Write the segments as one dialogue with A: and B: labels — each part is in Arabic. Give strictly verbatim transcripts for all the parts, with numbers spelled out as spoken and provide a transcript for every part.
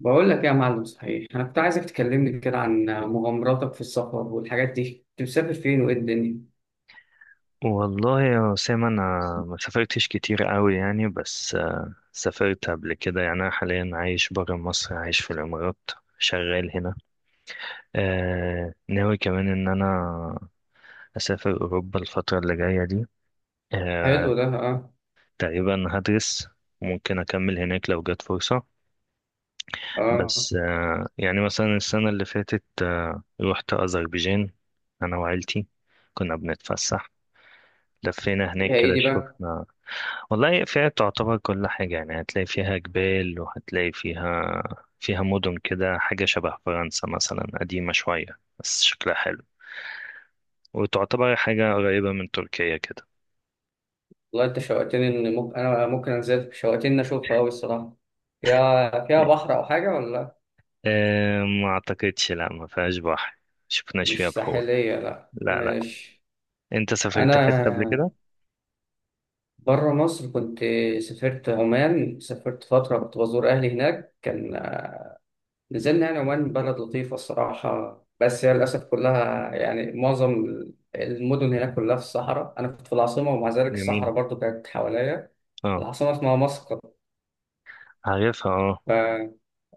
A: بقول لك إيه يا معلم؟ صحيح انا كنت عايزك تكلمني كده عن مغامراتك في السفر والحاجات دي. كنت مسافر فين وايه الدنيا؟
B: والله يا أسامة، أنا ما سافرتش كتير قوي يعني. بس آه، سافرت قبل كده يعني. أنا حاليا عايش برا مصر، عايش في الإمارات، شغال هنا. آه ناوي كمان إن أنا أسافر أوروبا الفترة اللي جاية دي. آه
A: حلو ده، اه.
B: تقريبا هدرس، ممكن أكمل هناك لو جت فرصة.
A: اه.
B: بس آه يعني مثلا السنة اللي فاتت آه رحت أذربيجان، أنا وعيلتي، كنا بنتفسح، لفينا هناك
A: فيها ايه
B: كده.
A: دي
B: شوف،
A: بقى؟
B: والله فيها تعتبر كل حاجة يعني، هتلاقي فيها جبال، وهتلاقي فيها فيها مدن كده، حاجة شبه فرنسا مثلا، قديمة شوية بس شكلها حلو، وتعتبر حاجة قريبة من تركيا كده.
A: والله انت شوقتني ان ممكن انا ممكن انزل، شوقتني إن اشوفها قوي الصراحه. فيها فيها بحر او حاجه ولا لأ؟
B: أه ما أعتقدش، لا ما فيهاش بحر، شفناش فيها
A: مش
B: بحور،
A: ساحليه، لا
B: لا لا.
A: ماشي.
B: أنت سافرت حتة قبل
A: انا
B: كده؟
A: بره مصر كنت، سافرت عمان. سافرت فتره كنت بزور اهلي هناك. كان نزلنا يعني. عمان بلد لطيفة الصراحة، بس هي للأسف كلها يعني معظم المدن هناك كلها في الصحراء. أنا كنت في العاصمة ومع ذلك الصحراء
B: جميل،
A: برضو كانت حواليا.
B: اه.
A: العاصمة اسمها مسقط.
B: عارفها، اه.
A: ف...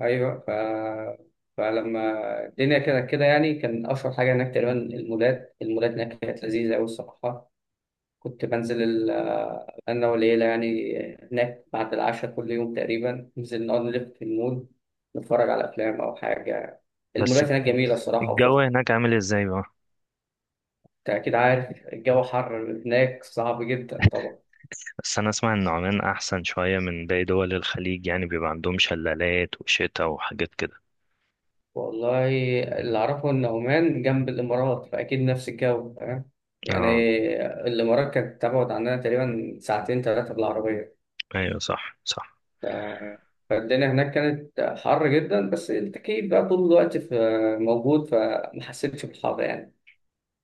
A: أيوة. ف... فلما الدنيا كده كده يعني، كان أشهر حاجة هناك تقريبا المولات المولات هناك كانت لذيذة أوي الصراحة. كنت بنزل ال- آه، أنا والعيلة يعني هناك بعد العشاء كل يوم تقريبا. ننزل نقعد نلف في المول، نتفرج على أفلام أو حاجة.
B: بس
A: المولات هناك جميلة الصراحة
B: الجو
A: وفخم.
B: هناك عامل ازاي بقى؟
A: أنت أكيد عارف الجو حر هناك، صعب جدا طبعا.
B: بس أنا أسمع إن عمان أحسن شوية من باقي دول الخليج، يعني بيبقى عندهم شلالات وشتا وحاجات كده.
A: والله، اللي أعرفه إن عمان جنب الإمارات فأكيد نفس الجو، فاهم يعني.
B: اه،
A: الإمارات كانت تبعد عننا تقريبا ساعتين ثلاثة بالعربية.
B: ايوه صح صح.
A: ف- فالدنيا هناك كانت حر جدا بس التكييف بقى طول الوقت في، موجود، فما حسيتش بالحر يعني.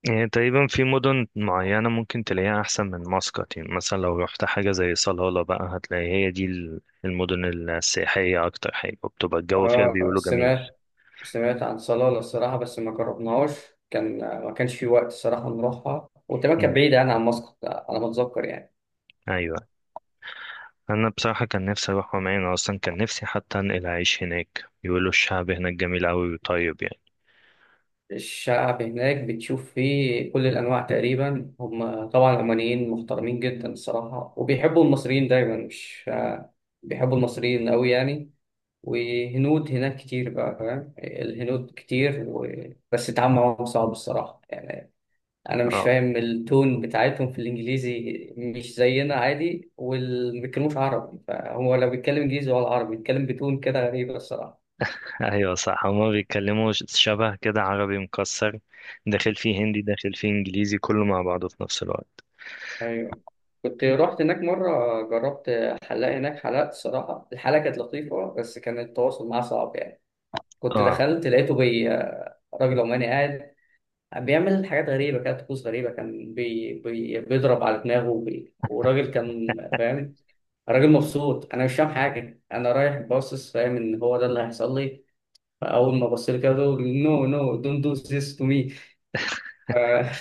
B: يعني تقريبا في مدن معينة ممكن تلاقيها أحسن من مسقط، يعني مثلا لو رحت حاجة زي صلالة بقى، هتلاقي هي دي ال- المدن السياحية أكتر حاجة، وبتبقى الجو فيها
A: آه،
B: بيقولوا جميل.
A: سمعت سمعت عن صلالة الصراحة بس ما جربناهاش. كان، ما كانش في وقت الصراحة نروحها، وكمان كانت
B: مم.
A: بعيدة يعني عن مسقط على ما أتذكر يعني.
B: أيوة، أنا بصراحة كان نفسي أروح عمان، أنا أصلا كان نفسي حتى أنقل أعيش هناك، بيقولوا الشعب هناك جميل أوي وطيب يعني.
A: الشعب هناك بتشوف فيه كل الأنواع تقريبا. هم طبعا العمانيين محترمين جدا الصراحة وبيحبوا المصريين دايما مش آه، بيحبوا المصريين أوي يعني. وهنود هناك كتير، بقى فاهم؟ الهنود كتير و... بس التعامل معاهم صعب الصراحة يعني. أنا مش
B: اه.
A: فاهم التون بتاعتهم في الإنجليزي، مش زينا عادي، وما بيتكلموش عربي. فهو لو بيتكلم إنجليزي ولا عربي بيتكلم بتون كده غريبة الصراحة.
B: أيوة صح، هما بيتكلموا ش- شبه كده عربي مكسر، داخل فيه هندي داخل فيه إنجليزي كله مع بعضه في نفس الوقت.
A: أيوه، كنت رحت هناك مرة، جربت حلاق هناك. حلقت الصراحة، الحلقة كانت لطيفة بس كان التواصل معاه صعب يعني. كنت
B: اه،
A: دخلت لقيته بي راجل عماني قاعد بيعمل حاجات غريبة كده، طقوس غريبة. كان بي بي بيضرب على دماغه، وبي وراجل كان فاهم، راجل مبسوط. أنا مش فاهم حاجة، أنا رايح باصص فاهم إن هو ده اللي هيحصل لي. فأول ما بص لي كده: نو نو دونت دو ذيس تو مي،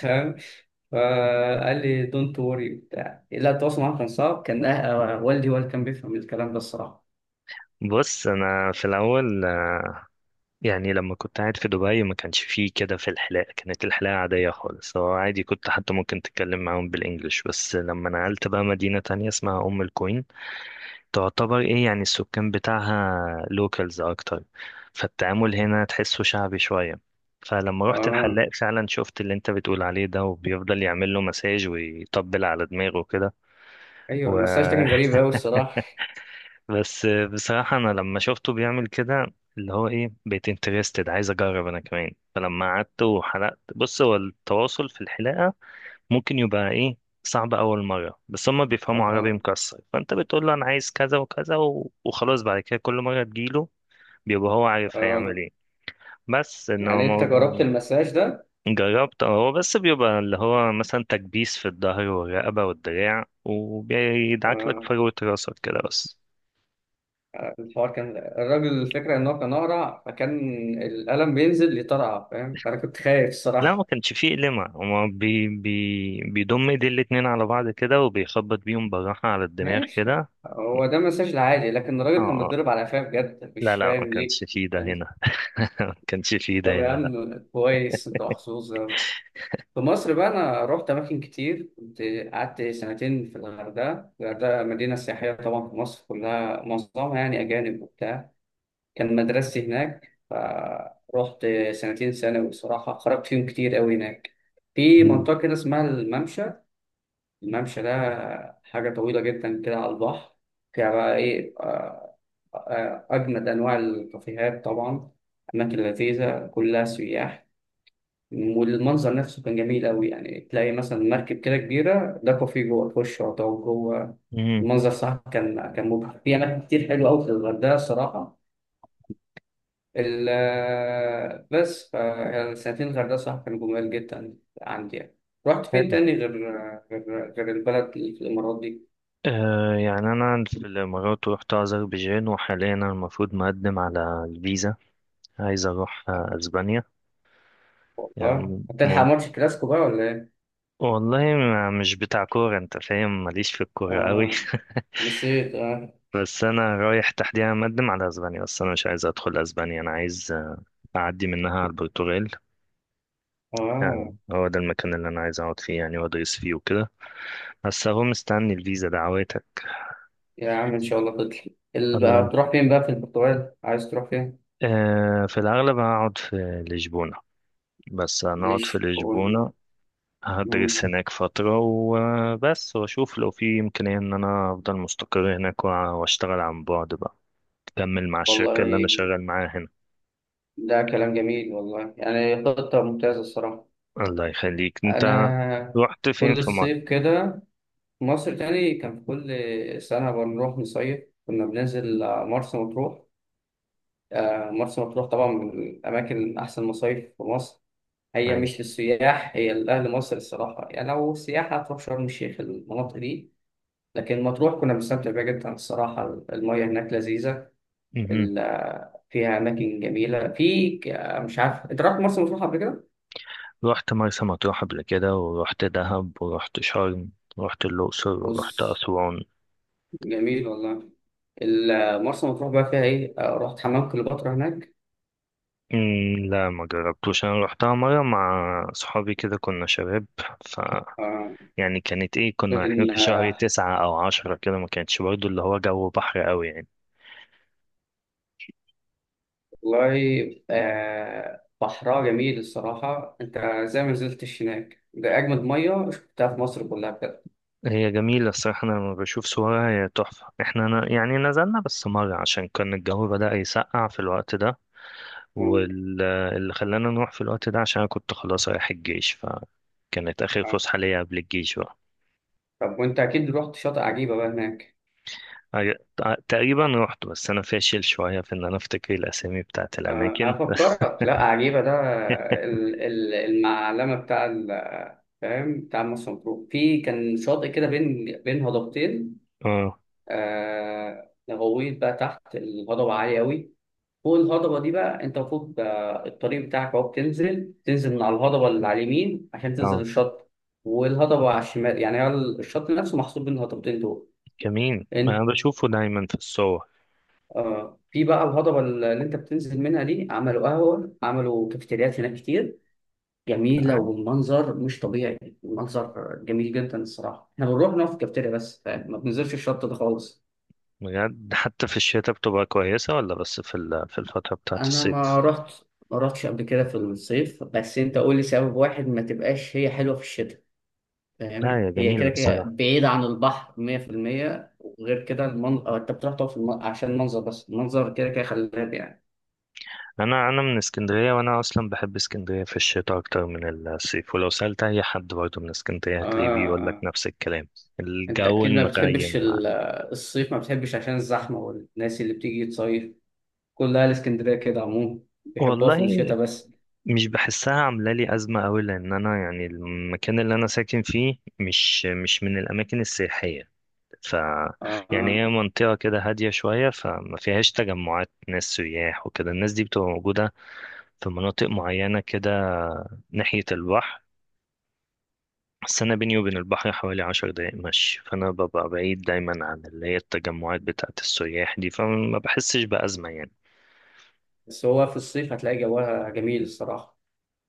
A: فاهم؟ فقال لي دونت وري بتاع. لا، التواصل معاه كان صعب، كان أه- أه، والدي هو اللي كان بيفهم الكلام ده الصراحة.
B: بص انا في الاول، يعني لما كنت قاعد في دبي ما كانش فيه كده، في الحلاقة كانت الحلاقة عادية خالص، هو عادي كنت حتى ممكن تتكلم معاهم بالإنجلش. بس لما نقلت بقى مدينة تانية اسمها أم القوين، تعتبر إيه يعني السكان بتاعها لوكالز أكتر، فالتعامل هنا تحسه شعبي شوية. فلما رحت
A: آه.
B: الحلاق فعلا شفت اللي انت بتقول عليه ده، وبيفضل يعمل له مساج ويطبل على دماغه
A: أيوه المساج ده كان
B: كده.
A: غريب أوي الصراحة.
B: بس بصراحة أنا لما شفته بيعمل كده اللي هو إيه، بقيت انترستد عايز أجرب أنا كمان. فلما قعدت وحلقت، بص، هو التواصل في الحلاقة ممكن يبقى إيه، صعب أول مرة، بس هما بيفهموا عربي
A: آه.
B: مكسر، فأنت بتقول له أنا عايز كذا وكذا و... وخلاص، بعد كده كل مرة تجيله بيبقى هو عارف هيعمل
A: آه،
B: إيه. بس إنما
A: يعني أنت
B: موضوع
A: جربت
B: ال-
A: المساج ده؟
B: جربت، أه، هو بس بيبقى اللي هو مثلا تكبيس في الظهر والرقبة والدراع، وبيدعك لك
A: آه.
B: فروة راسك كده بس.
A: الحوار كان، الراجل الفكرة إن هو كان أقرع فكان القلم بينزل يطرقع فاهم، فأنا كنت خايف
B: لا ما
A: الصراحة.
B: كانش فيه قلمة، هو بي بي بيضم ايدي الاتنين على بعض كده، وبيخبط بيهم بالراحة على الدماغ
A: ماشي،
B: كده.
A: هو ده مساج العادي، لكن
B: اه،
A: الراجل كان
B: آه.
A: بيتضرب على قفاه بجد،
B: لا
A: مش
B: لا ما
A: فاهم ليه.
B: كانش فيه ده
A: يعني
B: هنا. ما كانش فيه
A: طب
B: ده
A: يا
B: هنا، لا.
A: عم كويس، أنت محظوظ أوي. في مصر بقى أنا رحت أماكن كتير. كنت قعدت سنتين في الغردقة. الغردقة مدينة سياحية طبعا، في مصر كلها معظمها يعني أجانب وبتاع. كان مدرستي هناك فرحت سنتين ثانوي، صراحة خرجت فيهم كتير أوي هناك. في
B: مم.
A: منطقة كده اسمها الممشى. الممشى ده حاجة طويلة جدا كده على البحر، فيها بقى إيه، آه، آه، أجمد أنواع الكافيهات طبعا، أماكن لذيذة كلها سياح. والمنظر نفسه كان جميل أوي يعني، تلاقي مثلا مركب كده كبيرة ده كافيه جوه، في الشاطئ وجوه
B: مم.
A: المنظر صح. كان كان مبهر في أماكن كتير حلوة أوي في الغردقة الصراحة. ال بس ف يعني سنتين الغردقة صراحة كانوا جمال جدا عندي يعني. رحت فين
B: حلو،
A: تاني غير غير غير البلد اللي في الإمارات دي؟
B: آه، يعني أنا في الإمارات رحت أذربيجان، وحاليا أنا المفروض مقدم على الفيزا، عايز أروح آه، أسبانيا. يعني
A: والله
B: مم...
A: هتلحق
B: مم-
A: ماتش كلاسيكو بقى ولا إيه؟
B: والله ما- مش بتاع كورة أنت فاهم، ماليش في الكورة قوي.
A: آه، نسيت. آه.
B: بس أنا رايح تحديدا مقدم على أسبانيا، بس أنا مش عايز أدخل أسبانيا، أنا عايز أعدي منها على البرتغال.
A: آه
B: آه، هو ده المكان اللي أنا عايز أقعد فيه يعني، وأدرس فيه وكده، بس أهو مستني الفيزا، دعواتك.
A: يا عم إن شاء الله تطلع. ال- بقى
B: الله،
A: هتروح فين بقى في البرتغال؟ عايز تروح فين؟
B: آه، في الأغلب هقعد في لشبونة، بس هنقعد في
A: لشبونة.
B: لشبونة،
A: مم.
B: هدرس هناك فترة وبس، وأشوف لو في إمكانية إن أنا أفضل مستقر هناك وأ- وأشتغل عن بعد بقى، أكمل مع الشركة اللي أنا
A: والله
B: شغال معاها هنا.
A: ده كلام جميل والله، يعني خطة ممتازة الصراحة.
B: الله يخليك أنت.
A: أنا
B: رحت فين
A: كل
B: في
A: الصيف
B: مصر؟
A: كده مصر تاني. كان في كل سنة بنروح نصيف. كنا بننزل آه، مرسى مطروح. آه، مرسى مطروح طبعا من الأماكن، أحسن مصايف في مصر. هي مش للسياح، هي لأهل مصر الصراحة، يعني لو سياحة هتروح شرم الشيخ المناطق دي. لكن مطروح كنا بنستمتع بيها جدا الصراحة. المياه هناك لذيذة.
B: أيوة.
A: ال- آه، فيها أماكن جميلة في ك- آه، مش عارف أنت رحت مرسى مطروح قبل كده؟
B: رحت مرسى مطروح قبل كده، ورحت دهب، ورحت شرم، ورحت الأقصر، ورحت
A: بص،
B: أسوان.
A: جميل والله. ال- آه، مرسى مطروح بقى فيها إيه؟ آه، رحت حمام كليوباترا هناك.
B: أمم، لا ما جربتوش، أنا رحتها مرة مع صحابي كده، كنا شباب. ف
A: آه،
B: يعني كانت إيه، كنا رايحين في شهر
A: كان،
B: تسعة أو عشرة كده، ما كانتش برضو اللي هو جو بحر أوي يعني.
A: والله آه بحرها جميل الصراحة. أنت زي ما نزلتش هناك، ده أجمد مية شفتها في مصر كلها بجد.
B: هي جميلة الصراحة، أنا لما بشوف صورها هي تحفة، إحنا ن- يعني نزلنا بس مرة عشان كان الجو بدأ يسقع في الوقت ده،
A: ممكن.
B: واللي خلانا نروح في الوقت ده عشان أنا كنت خلاص رايح الجيش، فكانت آخر
A: آه.
B: فسحة ليا قبل الجيش بقى.
A: طب وأنت أكيد رحت شاطئ عجيبة بقى هناك.
B: عج- تقريبا رحت، بس أنا فاشل شوية في إن أنا أفتكر الأسامي بتاعت
A: آه، أنا
B: الأماكن. بس،
A: أفكرك، لا عجيبة ده ال- ال- المعلمة بتاع ال- فاهم بتاع مرسى مطروح. في كان شاطئ كده بين بين هضبتين.
B: اه
A: آه، غويط بقى تحت، الهضبة عالية أوي. فوق الهضبة دي بقى أنت المفروض، آه، الطريق بتاعك أهو بتنزل، تنزل من على الهضبة اللي على اليمين عشان تنزل
B: اه.
A: الشط. والهضبة على الشمال يعني، هو الشط نفسه محصور بين الهضبتين دول.
B: جميل، ما أنا
A: أنت
B: بشوفه دايما في الصور.
A: آه في بقى الهضبة اللي أنت بتنزل منها دي، عملوا قهوة، عملوا كافيتريات هناك كتير. جميلة
B: فعلا،
A: والمنظر مش طبيعي، المنظر جميل جدا الصراحة. إحنا بنروح نقف في الكافيتيريا بس، فاهم؟ ما بننزلش الشط ده خالص.
B: بجد حتى في الشتاء بتبقى كويسة، ولا بس في ال- في الفترة بتاعت
A: أنا
B: الصيف؟
A: ما رحت، ما رحتش قبل كده في الصيف، بس أنت قول لي سبب واحد ما تبقاش هي حلوة في الشتاء. فاهم
B: لا يا
A: هي كده
B: جميلة
A: كده
B: بصراحة.
A: بعيدة عن البحر مية في المية، وغير كده المنظر، انت بتروح تقف في الم... عشان المنظر بس، المنظر كده كده خلاب يعني.
B: انا انا من اسكندريه، وانا اصلا بحب اسكندريه في الشتاء اكتر من الصيف، ولو سالت اي حد برضه من اسكندريه هتلاقيه
A: اه.
B: بيقول لك
A: اه.
B: نفس الكلام.
A: انت
B: الجو
A: اكيد ما بتحبش
B: المغيم مع-
A: ال- الصيف، ما بتحبش عشان الزحمة والناس اللي بتيجي تصيف. كل اهل اسكندرية كده عموما بيحبوها
B: والله
A: في الشتاء بس.
B: مش بحسها عامله لي ازمه قوي، لان انا يعني المكان اللي انا ساكن فيه مش مش من الاماكن السياحيه. ف
A: اه. آه.
B: يعني هي منطقه كده هاديه شويه، فما فيهاش تجمعات ناس سياح وكده، الناس دي بتبقى موجوده في مناطق معينه كده، ناحيه البحر. بس أنا بيني وبين البحر حوالي عشر دقايق مشي، فأنا ببقى بعيد دايما عن اللي هي التجمعات بتاعة السياح دي، فما بحسش بأزمة يعني.
A: بس هو في الصيف هتلاقي جوها جميل الصراحة.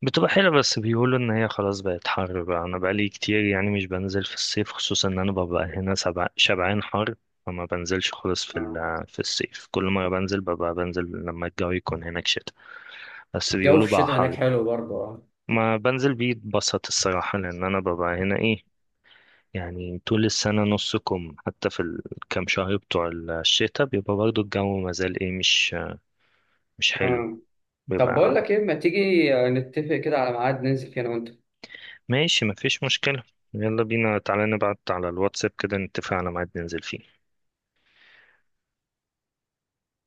B: بتبقى حلوة، بس بيقولوا إن هي خلاص بقت حر بقى، أنا بقالي كتير يعني مش بنزل في الصيف، خصوصا إن أنا ببقى هنا سبع- شبعان حر، فما بنزلش خالص في
A: آه.
B: ال- في الصيف. كل مرة بنزل، ببقى بنزل لما الجو يكون هناك شتا، بس
A: الجو في
B: بيقولوا بقى
A: الشتاء هناك
B: حر.
A: حلو برضه، اه.
B: ما بنزل بيتبسط الصراحة لأن أنا ببقى هنا إيه، يعني طول السنة نص كم، حتى في الكام شهر بتوع الشتاء بيبقى برضو الجو مازال ايه، مش مش حلو،
A: آه. طب
B: بيبقى.
A: بقول لك ايه، ما تيجي نتفق كده على ميعاد ننزل فيه انا وانت.
B: ماشي مفيش مشكلة. يلا بينا، تعالى نبعت على الواتساب كده نتفق على ميعاد ننزل فيه.